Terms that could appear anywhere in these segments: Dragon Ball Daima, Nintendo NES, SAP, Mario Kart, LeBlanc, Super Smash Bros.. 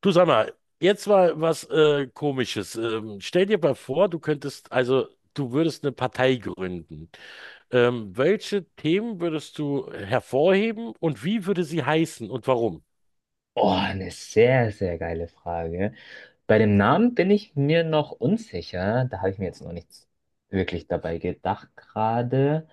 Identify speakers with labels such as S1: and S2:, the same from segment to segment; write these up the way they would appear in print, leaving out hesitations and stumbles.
S1: Du sag mal, jetzt mal was Komisches. Stell dir mal vor, du könntest, also du würdest eine Partei gründen. Welche Themen würdest du hervorheben und wie würde sie heißen und warum?
S2: Oh, eine sehr, sehr geile Frage. Bei dem Namen bin ich mir noch unsicher. Da habe ich mir jetzt noch nichts wirklich dabei gedacht gerade.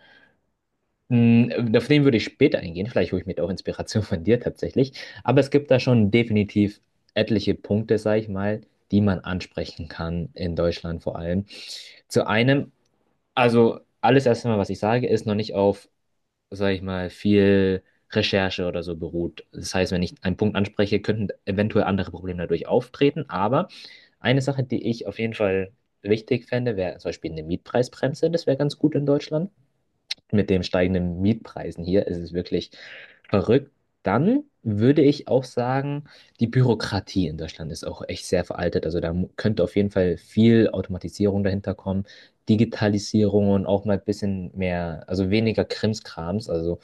S2: Auf den würde ich später eingehen. Vielleicht hole ich mir auch Inspiration von dir tatsächlich. Aber es gibt da schon definitiv etliche Punkte, sag ich mal, die man ansprechen kann, in Deutschland vor allem. Zu einem, also alles erstmal, was ich sage, ist noch nicht auf, sage ich mal, viel Recherche oder so beruht. Das heißt, wenn ich einen Punkt anspreche, könnten eventuell andere Probleme dadurch auftreten. Aber eine Sache, die ich auf jeden Fall wichtig fände, wäre zum Beispiel eine Mietpreisbremse. Das wäre ganz gut in Deutschland, mit den steigenden Mietpreisen hier ist es wirklich verrückt. Dann würde ich auch sagen, die Bürokratie in Deutschland ist auch echt sehr veraltet. Also da könnte auf jeden Fall viel Automatisierung dahinter kommen, Digitalisierung und auch mal ein bisschen mehr, also weniger Krimskrams, also,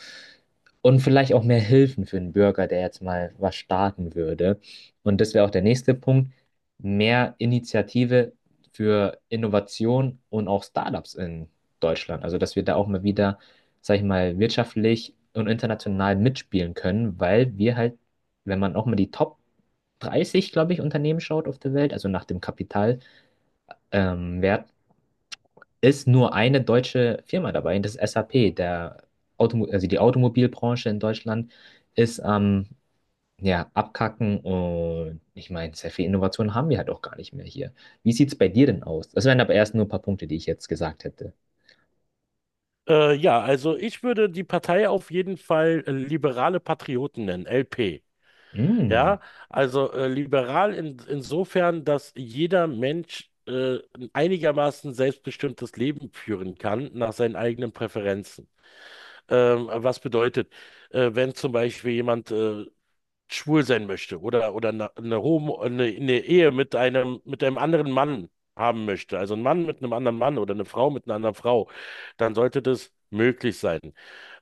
S2: und vielleicht auch mehr Hilfen für den Bürger, der jetzt mal was starten würde. Und das wäre auch der nächste Punkt: mehr Initiative für Innovation und auch Startups in Deutschland. Also dass wir da auch mal wieder, sag ich mal, wirtschaftlich und international mitspielen können, weil wir halt, wenn man auch mal die Top 30, glaube ich, Unternehmen schaut auf der Welt, also nach dem Kapitalwert, Wert, ist nur eine deutsche Firma dabei, das ist SAP. Der Automo also die Automobilbranche in Deutschland ist am, ja, Abkacken, und ich meine, sehr viel Innovation haben wir halt auch gar nicht mehr hier. Wie sieht es bei dir denn aus? Das wären aber erst nur ein paar Punkte, die ich jetzt gesagt hätte.
S1: Ja, also ich würde die Partei auf jeden Fall Liberale Patrioten nennen, LP. Ja,
S2: Mm,
S1: also liberal insofern, dass jeder Mensch ein einigermaßen selbstbestimmtes Leben führen kann nach seinen eigenen Präferenzen. Was bedeutet, wenn zum Beispiel jemand schwul sein möchte oder eine Ehe mit mit einem anderen Mann haben möchte, also ein Mann mit einem anderen Mann oder eine Frau mit einer anderen Frau, dann sollte das möglich sein.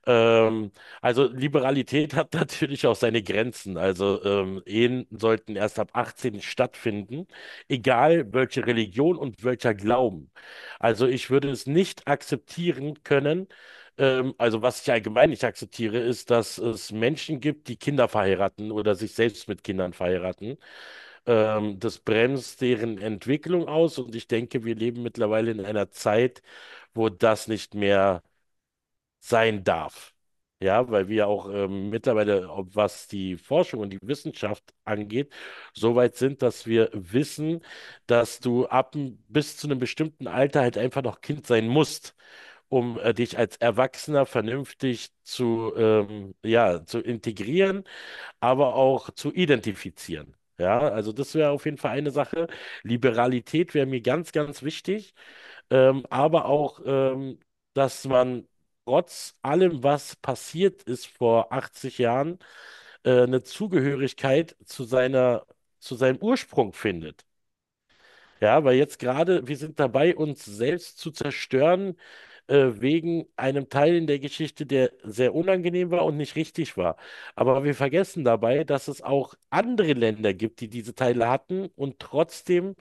S1: Ähm, also Liberalität hat natürlich auch seine Grenzen. Also Ehen sollten erst ab 18 stattfinden, egal welche Religion und welcher Glauben. Also ich würde es nicht akzeptieren können. Also was ich allgemein nicht akzeptiere, ist, dass es Menschen gibt, die Kinder verheiraten oder sich selbst mit Kindern verheiraten. Das bremst deren Entwicklung aus und ich denke, wir leben mittlerweile in einer Zeit, wo das nicht mehr sein darf. Ja, weil wir auch mittlerweile, ob was die Forschung und die Wissenschaft angeht, so weit sind, dass wir wissen, dass du ab bis zu einem bestimmten Alter halt einfach noch Kind sein musst, um dich als Erwachsener vernünftig zu integrieren, aber auch zu identifizieren. Ja, also das wäre auf jeden Fall eine Sache. Liberalität wäre mir ganz wichtig aber auch, dass man trotz allem, was passiert ist vor 80 Jahren, eine Zugehörigkeit zu zu seinem Ursprung findet. Ja, weil jetzt gerade, wir sind dabei, uns selbst zu zerstören, wegen einem Teil in der Geschichte, der sehr unangenehm war und nicht richtig war. Aber wir vergessen dabei, dass es auch andere Länder gibt, die diese Teile hatten und trotzdem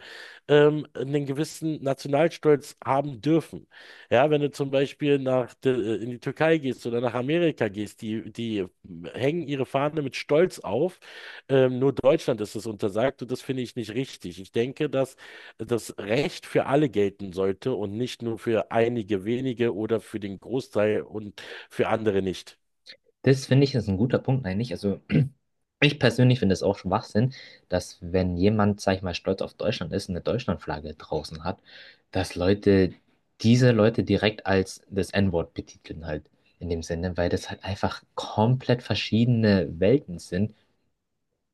S1: einen gewissen Nationalstolz haben dürfen. Ja, wenn du zum Beispiel in die Türkei gehst oder nach Amerika gehst, die hängen ihre Fahne mit Stolz auf. Nur Deutschland ist es untersagt und das finde ich nicht richtig. Ich denke, dass das Recht für alle gelten sollte und nicht nur für einige wenige oder für den Großteil und für andere nicht.
S2: das finde ich ist ein guter Punkt eigentlich. Also ich persönlich finde es auch Schwachsinn, dass, wenn jemand, sag ich mal, stolz auf Deutschland ist und eine Deutschlandflagge draußen hat, dass Leute diese Leute direkt als das N-Wort betiteln halt, in dem Sinne, weil das halt einfach komplett verschiedene Welten sind.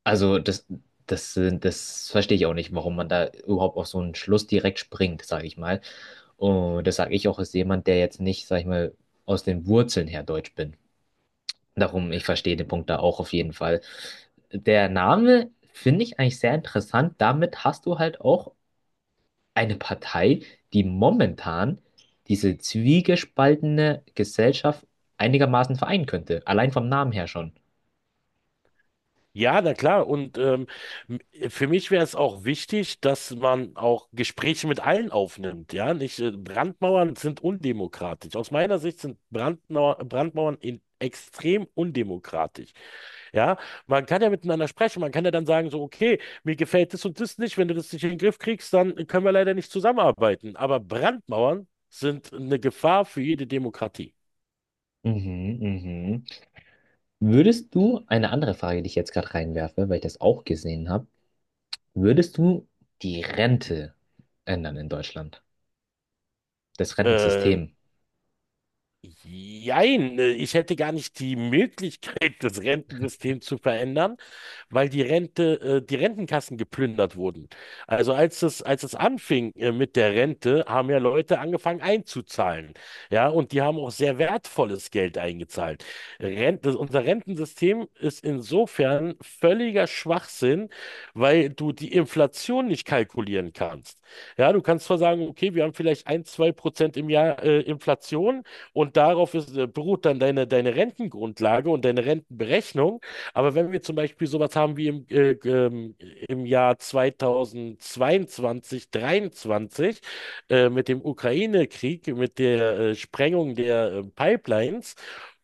S2: Also das verstehe ich auch nicht, warum man da überhaupt auf so einen Schluss direkt springt, sage ich mal. Und das sage ich auch als jemand, der jetzt nicht, sag ich mal, aus den Wurzeln her deutsch bin. Darum, ich verstehe den Punkt da auch auf jeden Fall. Der Name finde ich eigentlich sehr interessant. Damit hast du halt auch eine Partei, die momentan diese zwiegespaltene Gesellschaft einigermaßen vereinen könnte. Allein vom Namen her schon.
S1: Ja, na klar. Und für mich wäre es auch wichtig, dass man auch Gespräche mit allen aufnimmt. Ja, nicht Brandmauern sind undemokratisch. Aus meiner Sicht sind Brandmauern in extrem undemokratisch. Ja, man kann ja miteinander sprechen. Man kann ja dann sagen so, okay, mir gefällt das und das nicht. Wenn du das nicht in den Griff kriegst, dann können wir leider nicht zusammenarbeiten. Aber Brandmauern sind eine Gefahr für jede Demokratie.
S2: Mhm, mhm. Würdest du, eine andere Frage, die ich jetzt gerade reinwerfe, weil ich das auch gesehen habe, würdest du die Rente ändern in Deutschland? Das
S1: Äh,
S2: Rentensystem?
S1: Jein, ich hätte gar nicht die Möglichkeit, das Rentensystem zu verändern, weil die die Rentenkassen geplündert wurden. Also als es anfing, mit der Rente, haben ja Leute angefangen einzuzahlen. Ja, und die haben auch sehr wertvolles Geld eingezahlt. Rente, unser Rentensystem ist insofern völliger Schwachsinn, weil du die Inflation nicht kalkulieren kannst. Ja, du kannst zwar sagen, okay, wir haben vielleicht 1, 2% im Jahr, Inflation. Und darauf beruht dann deine Rentengrundlage und deine Rentenberechnung. Aber wenn wir zum Beispiel sowas haben wie im Jahr 2022, 23 mit dem Ukraine-Krieg, mit der Sprengung der Pipelines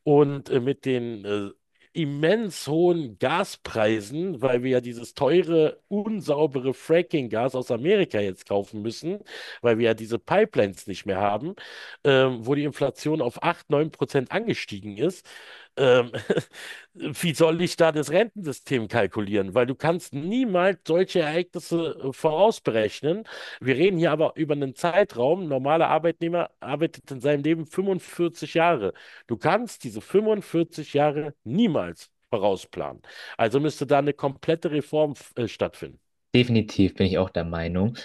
S1: und mit den immens hohen Gaspreisen, weil wir ja dieses teure, unsaubere Fracking-Gas aus Amerika jetzt kaufen müssen, weil wir ja diese Pipelines nicht mehr haben, wo die Inflation auf 8, 9% angestiegen ist. Ähm, Wie soll ich da das Rentensystem kalkulieren? Weil du kannst niemals solche Ereignisse vorausberechnen. Wir reden hier aber über einen Zeitraum. Ein normaler Arbeitnehmer arbeitet in seinem Leben 45 Jahre. Du kannst diese 45 Jahre niemals vorausplanen. Also müsste da eine komplette Reform stattfinden.
S2: Definitiv bin ich auch der Meinung.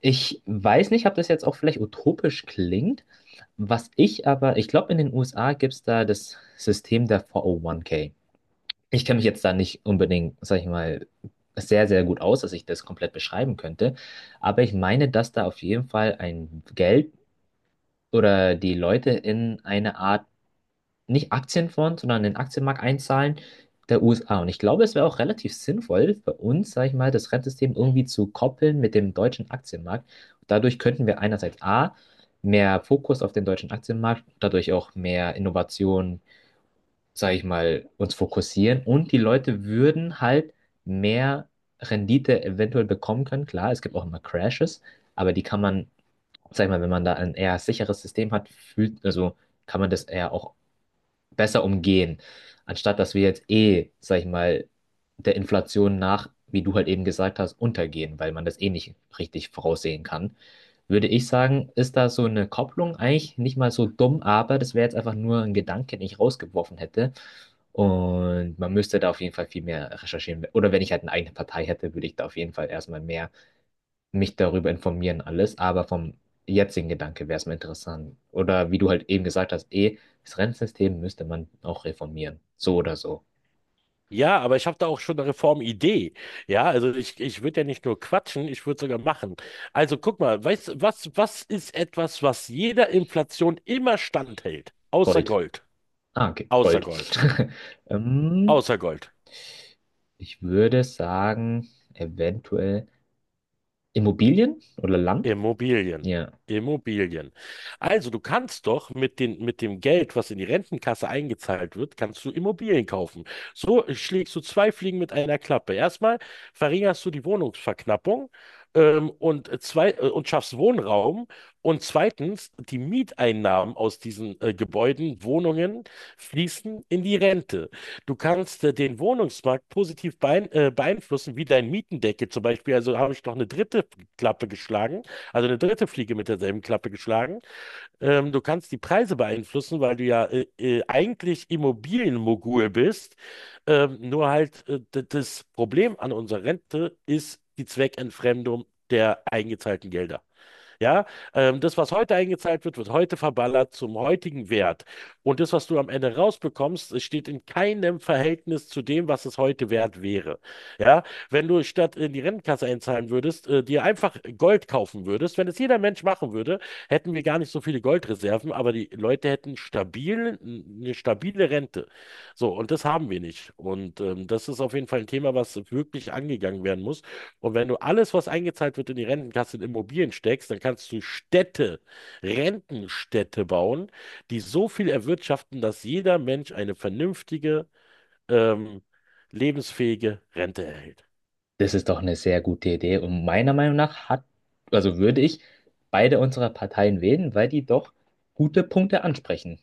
S2: Ich weiß nicht, ob das jetzt auch vielleicht utopisch klingt. Was ich aber, ich glaube, in den USA gibt es da, das System der 401k. Ich kenne mich jetzt da nicht unbedingt, sag ich mal, sehr, sehr gut aus, dass ich das komplett beschreiben könnte. Aber ich meine, dass da auf jeden Fall ein Geld oder die Leute in eine Art, nicht Aktienfonds, sondern in den Aktienmarkt einzahlen, der USA. Und ich glaube, es wäre auch relativ sinnvoll für uns, sage ich mal, das Rentensystem irgendwie zu koppeln mit dem deutschen Aktienmarkt. Dadurch könnten wir einerseits A, mehr Fokus auf den deutschen Aktienmarkt, dadurch auch mehr Innovation, sage ich mal, uns fokussieren, und die Leute würden halt mehr Rendite eventuell bekommen können. Klar, es gibt auch immer Crashes, aber die kann man, sag ich mal, wenn man da ein eher sicheres System hat, fühlt, also kann man das eher auch besser umgehen, anstatt dass wir jetzt, eh, sag ich mal, der Inflation nach, wie du halt eben gesagt hast, untergehen. Weil man das eh nicht richtig voraussehen kann, würde ich sagen, ist da so eine Kopplung eigentlich nicht mal so dumm, aber das wäre jetzt einfach nur ein Gedanke, den ich rausgeworfen hätte. Und man müsste da auf jeden Fall viel mehr recherchieren. Oder wenn ich halt eine eigene Partei hätte, würde ich da auf jeden Fall erstmal mehr mich darüber informieren, alles, aber vom jetzigen Gedanke wäre es mir interessant. Oder wie du halt eben gesagt hast, eh, das Rentensystem müsste man auch reformieren. So oder so.
S1: Ja, aber ich habe da auch schon eine Reformidee. Ja, also ich würde ja nicht nur quatschen, ich würde sogar machen. Also guck mal, weißt, du, was ist etwas, was jeder Inflation immer standhält? Außer
S2: Gold.
S1: Gold,
S2: Ah, okay,
S1: außer
S2: Gold.
S1: Gold,
S2: ähm,
S1: außer Gold.
S2: ich würde sagen, eventuell Immobilien oder Land.
S1: Immobilien.
S2: Ja,
S1: Immobilien. Also du kannst doch mit mit dem Geld, was in die Rentenkasse eingezahlt wird, kannst du Immobilien kaufen. So schlägst du zwei Fliegen mit einer Klappe. Erstmal verringerst du die Wohnungsverknappung und, zwei, und schaffst Wohnraum. Und zweitens, die Mieteinnahmen aus diesen Gebäuden, Wohnungen, fließen in die Rente. Du kannst den Wohnungsmarkt positiv beeinflussen, wie dein Mietendeckel zum Beispiel. Also habe ich noch eine dritte Klappe geschlagen, also eine dritte Fliege mit derselben Klappe geschlagen. Du kannst die Preise beeinflussen, weil du ja eigentlich Immobilienmogul bist. Nur halt das Problem an unserer Rente ist die Zweckentfremdung der eingezahlten Gelder. Ja, das, was heute eingezahlt wird, wird heute verballert zum heutigen Wert. Und das, was du am Ende rausbekommst, es steht in keinem Verhältnis zu dem, was es heute wert wäre. Ja, wenn du statt in die Rentenkasse einzahlen würdest, dir einfach Gold kaufen würdest, wenn es jeder Mensch machen würde, hätten wir gar nicht so viele Goldreserven, aber die Leute eine stabile Rente. So, und das haben wir nicht. Und das ist auf jeden Fall ein Thema, was wirklich angegangen werden muss. Und wenn du alles, was eingezahlt wird in die Rentenkasse, in Immobilien steckst, dann kannst du Rentenstädte bauen, die so viel erwirtschaften, dass jeder Mensch eine vernünftige, ähm, lebensfähige Rente erhält.
S2: das ist doch eine sehr gute Idee. Und meiner Meinung nach hat, also, würde ich beide unserer Parteien wählen, weil die doch gute Punkte ansprechen.